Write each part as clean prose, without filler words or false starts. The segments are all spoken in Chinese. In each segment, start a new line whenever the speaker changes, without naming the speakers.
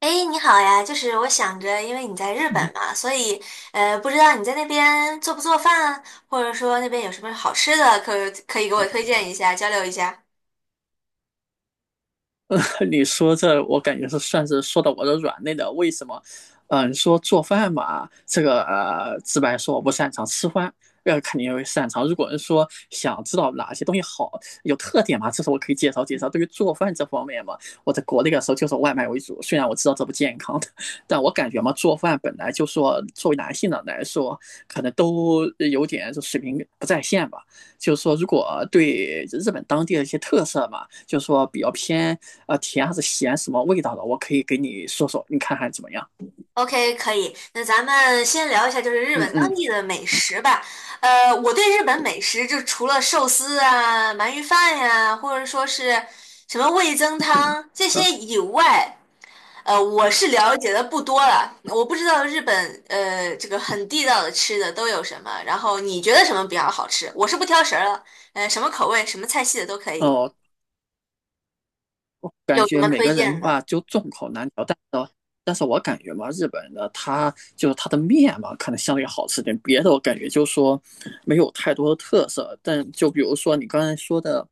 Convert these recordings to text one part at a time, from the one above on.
哎，诶你好呀！就是我想着，因为你在日 本
你
嘛，所以不知道你在那边做不做饭，或者说那边有什么好吃的，可以给我推荐一下，交流一下。
你说这，我感觉是算是说到我的软肋了。为什么？你说做饭嘛，这个直白说我不擅长吃饭，肯定会擅长。如果是说想知道哪些东西好，有特点嘛，这是我可以介绍介绍。对于做饭这方面嘛，我在国内的时候就是外卖为主，虽然我知道这不健康的，但我感觉嘛，做饭本来就说作为男性的来说，可能都有点就水平不在线吧。就是说，如果对日本当地的一些特色嘛，就是说比较偏啊甜还是咸什么味道的，我可以给你说说，你看看怎么样？
OK，可以。那咱们先聊一下，就是日
嗯
本
嗯。
当地的美食吧。我对日本美食就除了寿司啊、鳗鱼饭呀、或者说是什么味增汤这
嗯。
些以外，我是了解的不多了，我不知道日本这个很地道的吃的都有什么，然后你觉得什么比较好吃？我是不挑食儿了，什么口味、什么菜系的都可以，
哦，后感
有什
觉
么
每
推
个人
荐的？
吧就众口难调，但是。我感觉嘛，日本的它就是它的面嘛，可能相对好吃点，别的我感觉就是说没有太多的特色。但就比如说你刚才说的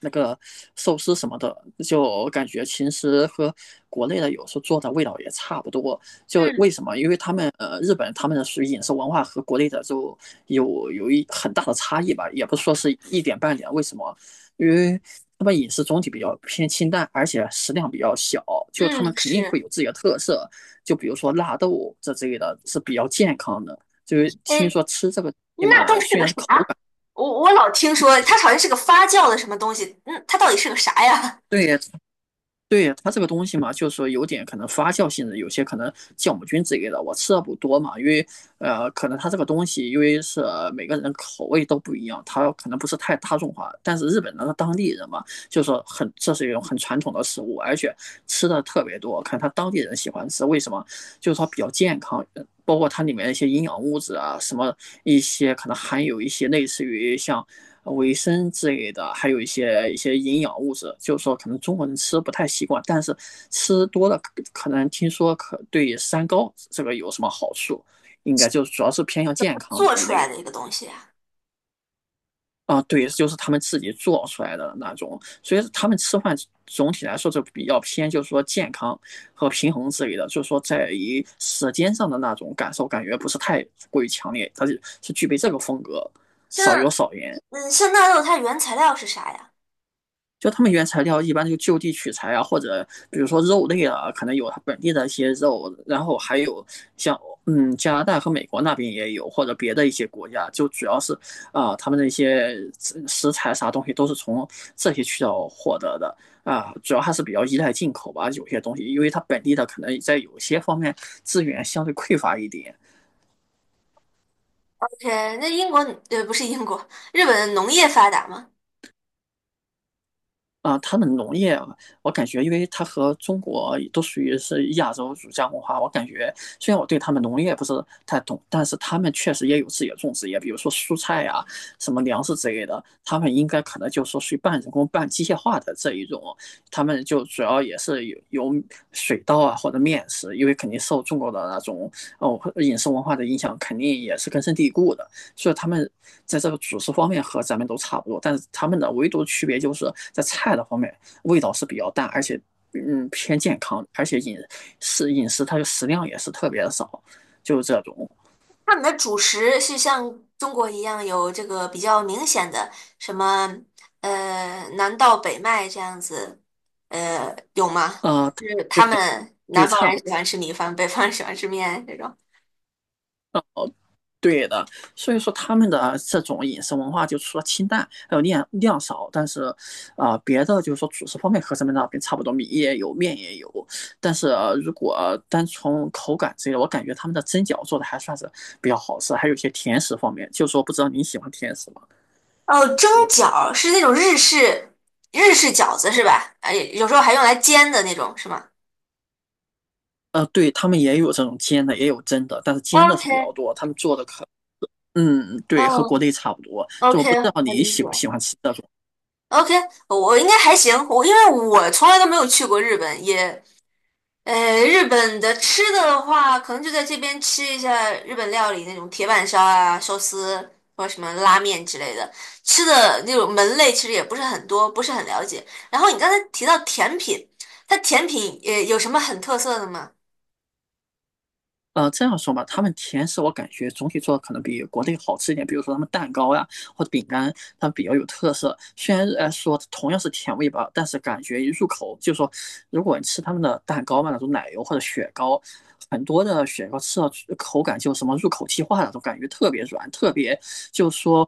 那个寿司什么的，就感觉其实和国内的有时候做的味道也差不多。就
嗯
为什么？因为他们日本他们的属于饮食文化和国内的就有一很大的差异吧，也不是说是一点半点。为什么？因为他们饮食总体比较偏清淡，而且食量比较小，就他们
嗯，
肯定会
是，
有自己的特色，就比如说纳豆这之类的是比较健康的。就是听
哎，
说吃这个
那都
嘛，
是
虽
个
然是口
啥？
感，
我老听说它好像是个发酵的什么东西，嗯，它到底是个啥呀？
对。对它这个东西嘛，就是说有点可能发酵性质，有些可能酵母菌之类的，我吃的不多嘛，因为可能它这个东西，因为是每个人口味都不一样，它可能不是太大众化。但是日本人的当地人嘛，就是说很这是一种很传统的食物，而且吃的特别多，可能他当地人喜欢吃，为什么？就是说比较健康，包括它里面一些营养物质啊，什么一些可能含有一些类似于像维生之类的，还有一些营养物质，就是说可能中国人吃不太习惯，但是吃多了可能听说可对三高这个有什么好处，应该就主要是偏向健 康
做
的一
出
类
来
的
的一个东西呀？
啊。对，就是他们自己做出来的那种，所以他们吃饭总体来说就比较偏，就是说健康和平衡之类的，就是说在于舌尖上的那种感受感觉不是太过于强烈，它是具备这个风格，
像
少油少盐。
像纳豆，它原材料是啥呀
就他们原材料一般就就地取材啊，或者比如说肉类啊，可能有它本地的一些肉，然后还有像嗯加拿大和美国那边也有，或者别的一些国家，就主要是他们的一些食材啥东西都是从这些渠道获得的。主要还是比较依赖进口吧，有些东西，因为它本地的可能在有些方面资源相对匮乏一点。
？OK，那英国呃不是英国，日本农业发达吗？
他们农业啊，我感觉，因为它和中国都属于是亚洲儒家文化，我感觉虽然我对他们农业不是太懂，但是他们确实也有自己的种植业，比如说蔬菜呀、什么粮食之类的，他们应该可能就是说属于半人工、半机械化的这一种，他们就主要也是有水稻啊或者面食，因为肯定受中国的那种哦饮食文化的影响，肯定也是根深蒂固的。所以他们在这个主食方面和咱们都差不多，但是他们的唯独区别就是在菜的方面味道是比较淡，而且嗯偏健康，而且饮食它的食量也是特别的少，就是这种。
他们的主食是像中国一样有这个比较明显的什么南到北麦这样子，呃有吗？
呃
就是
对。
他们
对
南方
差
人
不
喜欢吃米饭，北方人喜欢吃面这种。
多。对的，所以说他们的这种饮食文化，就除了清淡还有量量少，但是，别的就是说主食方面和咱们那边差不多，米也有，面也有。但是,如果单从口感之类的，我感觉他们的蒸饺做的还算是比较好吃，还有一些甜食方面，就是说不知道你喜欢甜食吗？
哦，蒸饺是那种日式饺子是吧？哎，有时候还用来煎的那种是吗
对他们也有这种煎的，也有蒸的，但是煎的是比较
？OK，
多，他们做的可，嗯，对，和国
嗯
内差不多。就我
，OK，
不知道
我
你
理
喜
解。
不喜欢吃这种。
OK，我应该还行，我因为我从来都没有去过日本，也。日本的吃的的话，可能就在这边吃一下日本料理那种铁板烧啊、寿司或者什么拉面之类的。吃的那种门类其实也不是很多，不是很了解。然后你刚才提到甜品，它甜品也有什么很特色的吗
这样说吧，他们甜食我感觉总体做的可能比国内好吃一点，比如说他们蛋糕呀或者饼干，他们比较有特色。虽然说同样是甜味吧，但是感觉一入口就是说，如果你吃他们的蛋糕嘛，那种奶油或者雪糕，很多的雪糕吃到口感就什么入口即化那种感觉，特别软，特别就说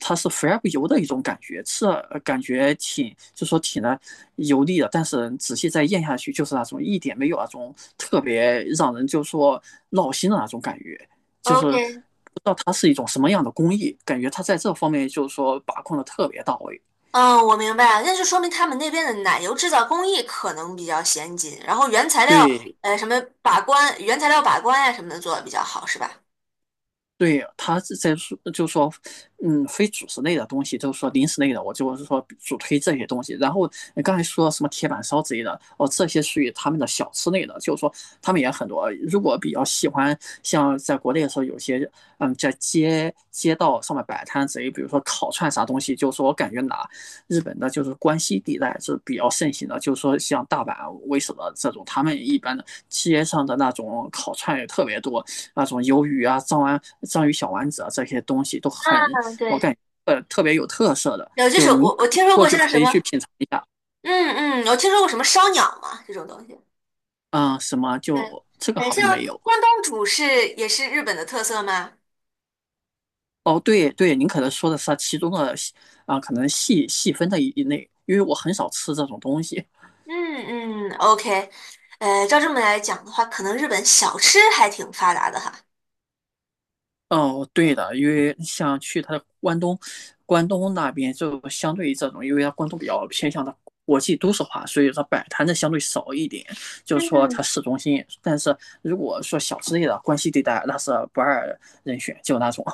它是肥而不油的一种感觉，吃了感觉挺就说挺的油腻的，但是仔细再咽下去，就是那种一点没有那种特别让人就说闹心的那种感觉，就是
？OK，
不知道它是一种什么样的工艺，感觉它在这方面就是说把控的特别到位。
嗯，我明白了，那就说明他们那边的奶油制造工艺可能比较先进，然后原材料，
对。
什么把关，原材料把关呀、什么的做的比较好，是吧？
对，他是在说，就说，嗯，非主食类的东西，就是说零食类的，我就是说主推这些东西。然后你刚才说什么铁板烧之类的，哦，这些属于他们的小吃类的，就是说他们也很多。如果比较喜欢，像在国内的时候，有些嗯，在街道上面摆摊之类，比如说烤串啥东西，就是说我感觉哪日本的，就是关西地带是比较盛行的，就是说像大阪为首的这种，他们一般的街上的那种烤串也特别多。那种鱿鱼啊、章丸、章鱼小丸子啊这些东西都很，
嗯，
我
对。
感觉特别有特色的，
有，就是
就您
我听说
过
过
去
像什
可以去
么
品尝一下。
嗯嗯，我听说过什么烧鸟嘛，这种东西。
嗯，什么
对，
就这个
嗯，
好
像
像没有
关东煮是也是日本的特色吗？
哦。对对，您可能说的是它其中的可能细细分的一类，因为我很少吃这种东西，
嗯嗯，OK，照这么来讲的话，可能日本小吃还挺发达的哈。
哦，对的，因为像去它的关东，关东那边就相对于这种，因为它关东比较偏向的国际都市化，所以说摆摊的相对少一点。就是
嗯
说它市中心，但是如果说小吃类的关西地带，那是不二人选，就那种。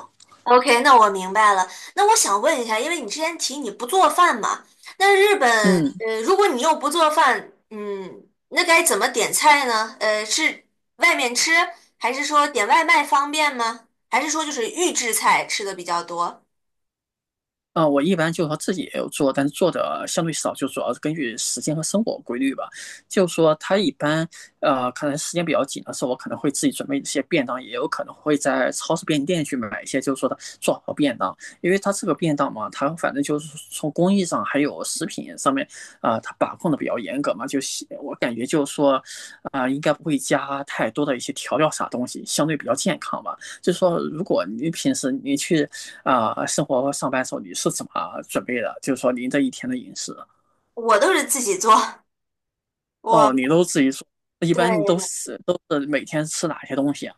，OK，那我明白了。那我想问一下，因为你之前提你不做饭嘛，那日本，
嗯。
如果你又不做饭，嗯，那该怎么点菜呢？呃，是外面吃，还是说点外卖方便吗？还是说就是预制菜吃的比较多？
我一般就是说自己也有做，但是做的相对少，就主要是根据时间和生活规律吧。就是说他一般，可能时间比较紧的时候，我可能会自己准备一些便当，也有可能会在超市便利店去买一些，就是说的做好便当。因为他这个便当嘛，他反正就是从工艺上还有食品上面，他把控的比较严格嘛，就是我感觉就是说，应该不会加太多的一些调料啥东西，相对比较健康吧。就是说，如果你平时你去啊，生活上班时候你是怎么准备的？就是说您这一天的饮食，
我都是自己做，
哦，你
我
都自己做，一
对
般你
对
都
对，
是都是每天吃哪些东西啊？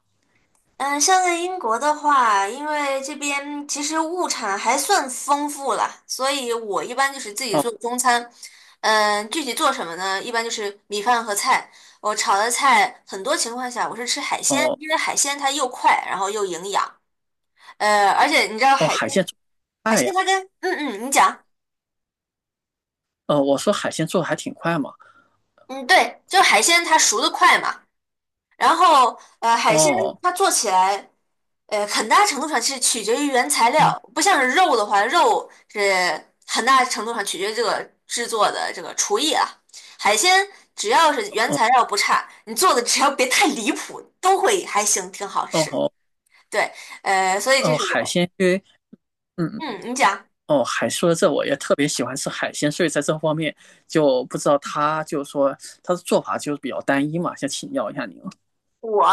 嗯，像在英国的话，因为这边其实物产还算丰富了，所以我一般就是自己做
哦
中餐。嗯，具体做什么呢？一般就是米饭和菜。我炒的菜很多情况下我是吃海鲜，
哦。
因为海鲜它又快，然后又营养。而且你知道
哦，
海
海
鲜，
鲜做
海
快呀，
鲜它跟嗯嗯，你讲，
哦，我说海鲜做的还挺快嘛，
嗯对，就海鲜它熟的快嘛，然后海鲜
哦，
它做起来。很大程度上是取决于原材料，
嗯，
不像是肉的话，肉是很大程度上取决于这个制作的这个厨艺啊。海鲜只要是原
哦
材料不差，你做的只要别太离谱，都会还行，挺好
哦。
吃。
哦
对，所以这
哦，
是
海
我，
鲜，因为嗯。
嗯，你讲。
哦，海说这我也特别喜欢吃海鲜，所以在这方面就不知道他就是说他的做法就是比较单一嘛，想请教一下您。
我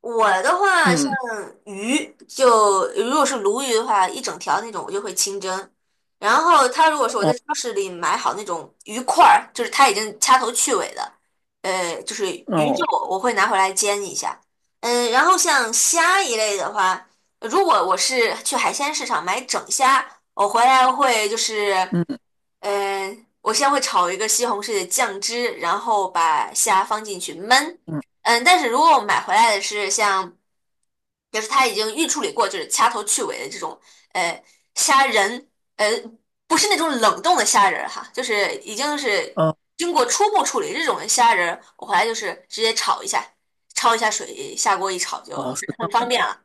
我的话，像
嗯，
鱼，就如果是鲈鱼的话，一整条那种我就会清蒸。然后他如果说我在
哦，
超市里买好那种鱼块儿，就是他已经掐头去尾的，就是鱼
哦，
肉，我会拿回来煎一下。嗯，然后像虾一类的话，如果我是去海鲜市场买整虾，我回来会就是。
嗯
嗯，我先会炒一个西红柿的酱汁，然后把虾放进去焖。
嗯，
嗯，但是如果我买回来的是像，就是它已经预处理过，就是掐头去尾的这种，呃，虾仁，呃，不是那种冷冻的虾仁儿哈，就是已经是
哦
经过初步处理这种的虾仁儿，我回来就是直接炒一下，焯一下水，下锅一炒就
哦，是这
很方
样的。
便了。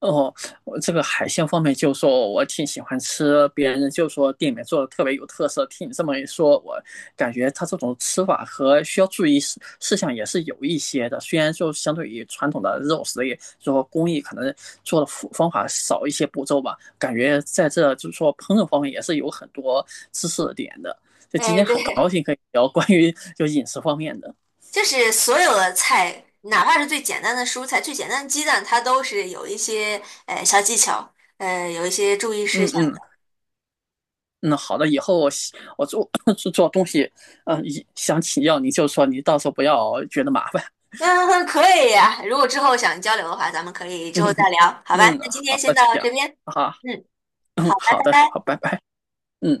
哦，我这个海鲜方面，就说我挺喜欢吃，别人就说店里面做的特别有特色。听你这么一说，我感觉它这种吃法和需要注意事项也是有一些的。虽然就相对于传统的肉食也就说工艺可能做的方法少一些步骤吧，感觉在这就是说烹饪方面也是有很多知识点的。就今
哎，
天
对，
很高兴可以聊关于就饮食方面的。
就是所有的菜，哪怕是最简单的蔬菜、最简单的鸡蛋，它都是有一些小技巧，有一些注意事
嗯
项
嗯。
的。
嗯，好的，以后我做 做东西，嗯，一想请教你就说，你到时候不要觉得麻烦。
嗯，可以呀、如果之后想交流的话，咱们可以 之后
嗯
再聊，好吧？
嗯，
那今天
好
先
的，
到
行，
这边，
好，
嗯，好，
嗯，
拜
好的，
拜。
好，拜拜，嗯。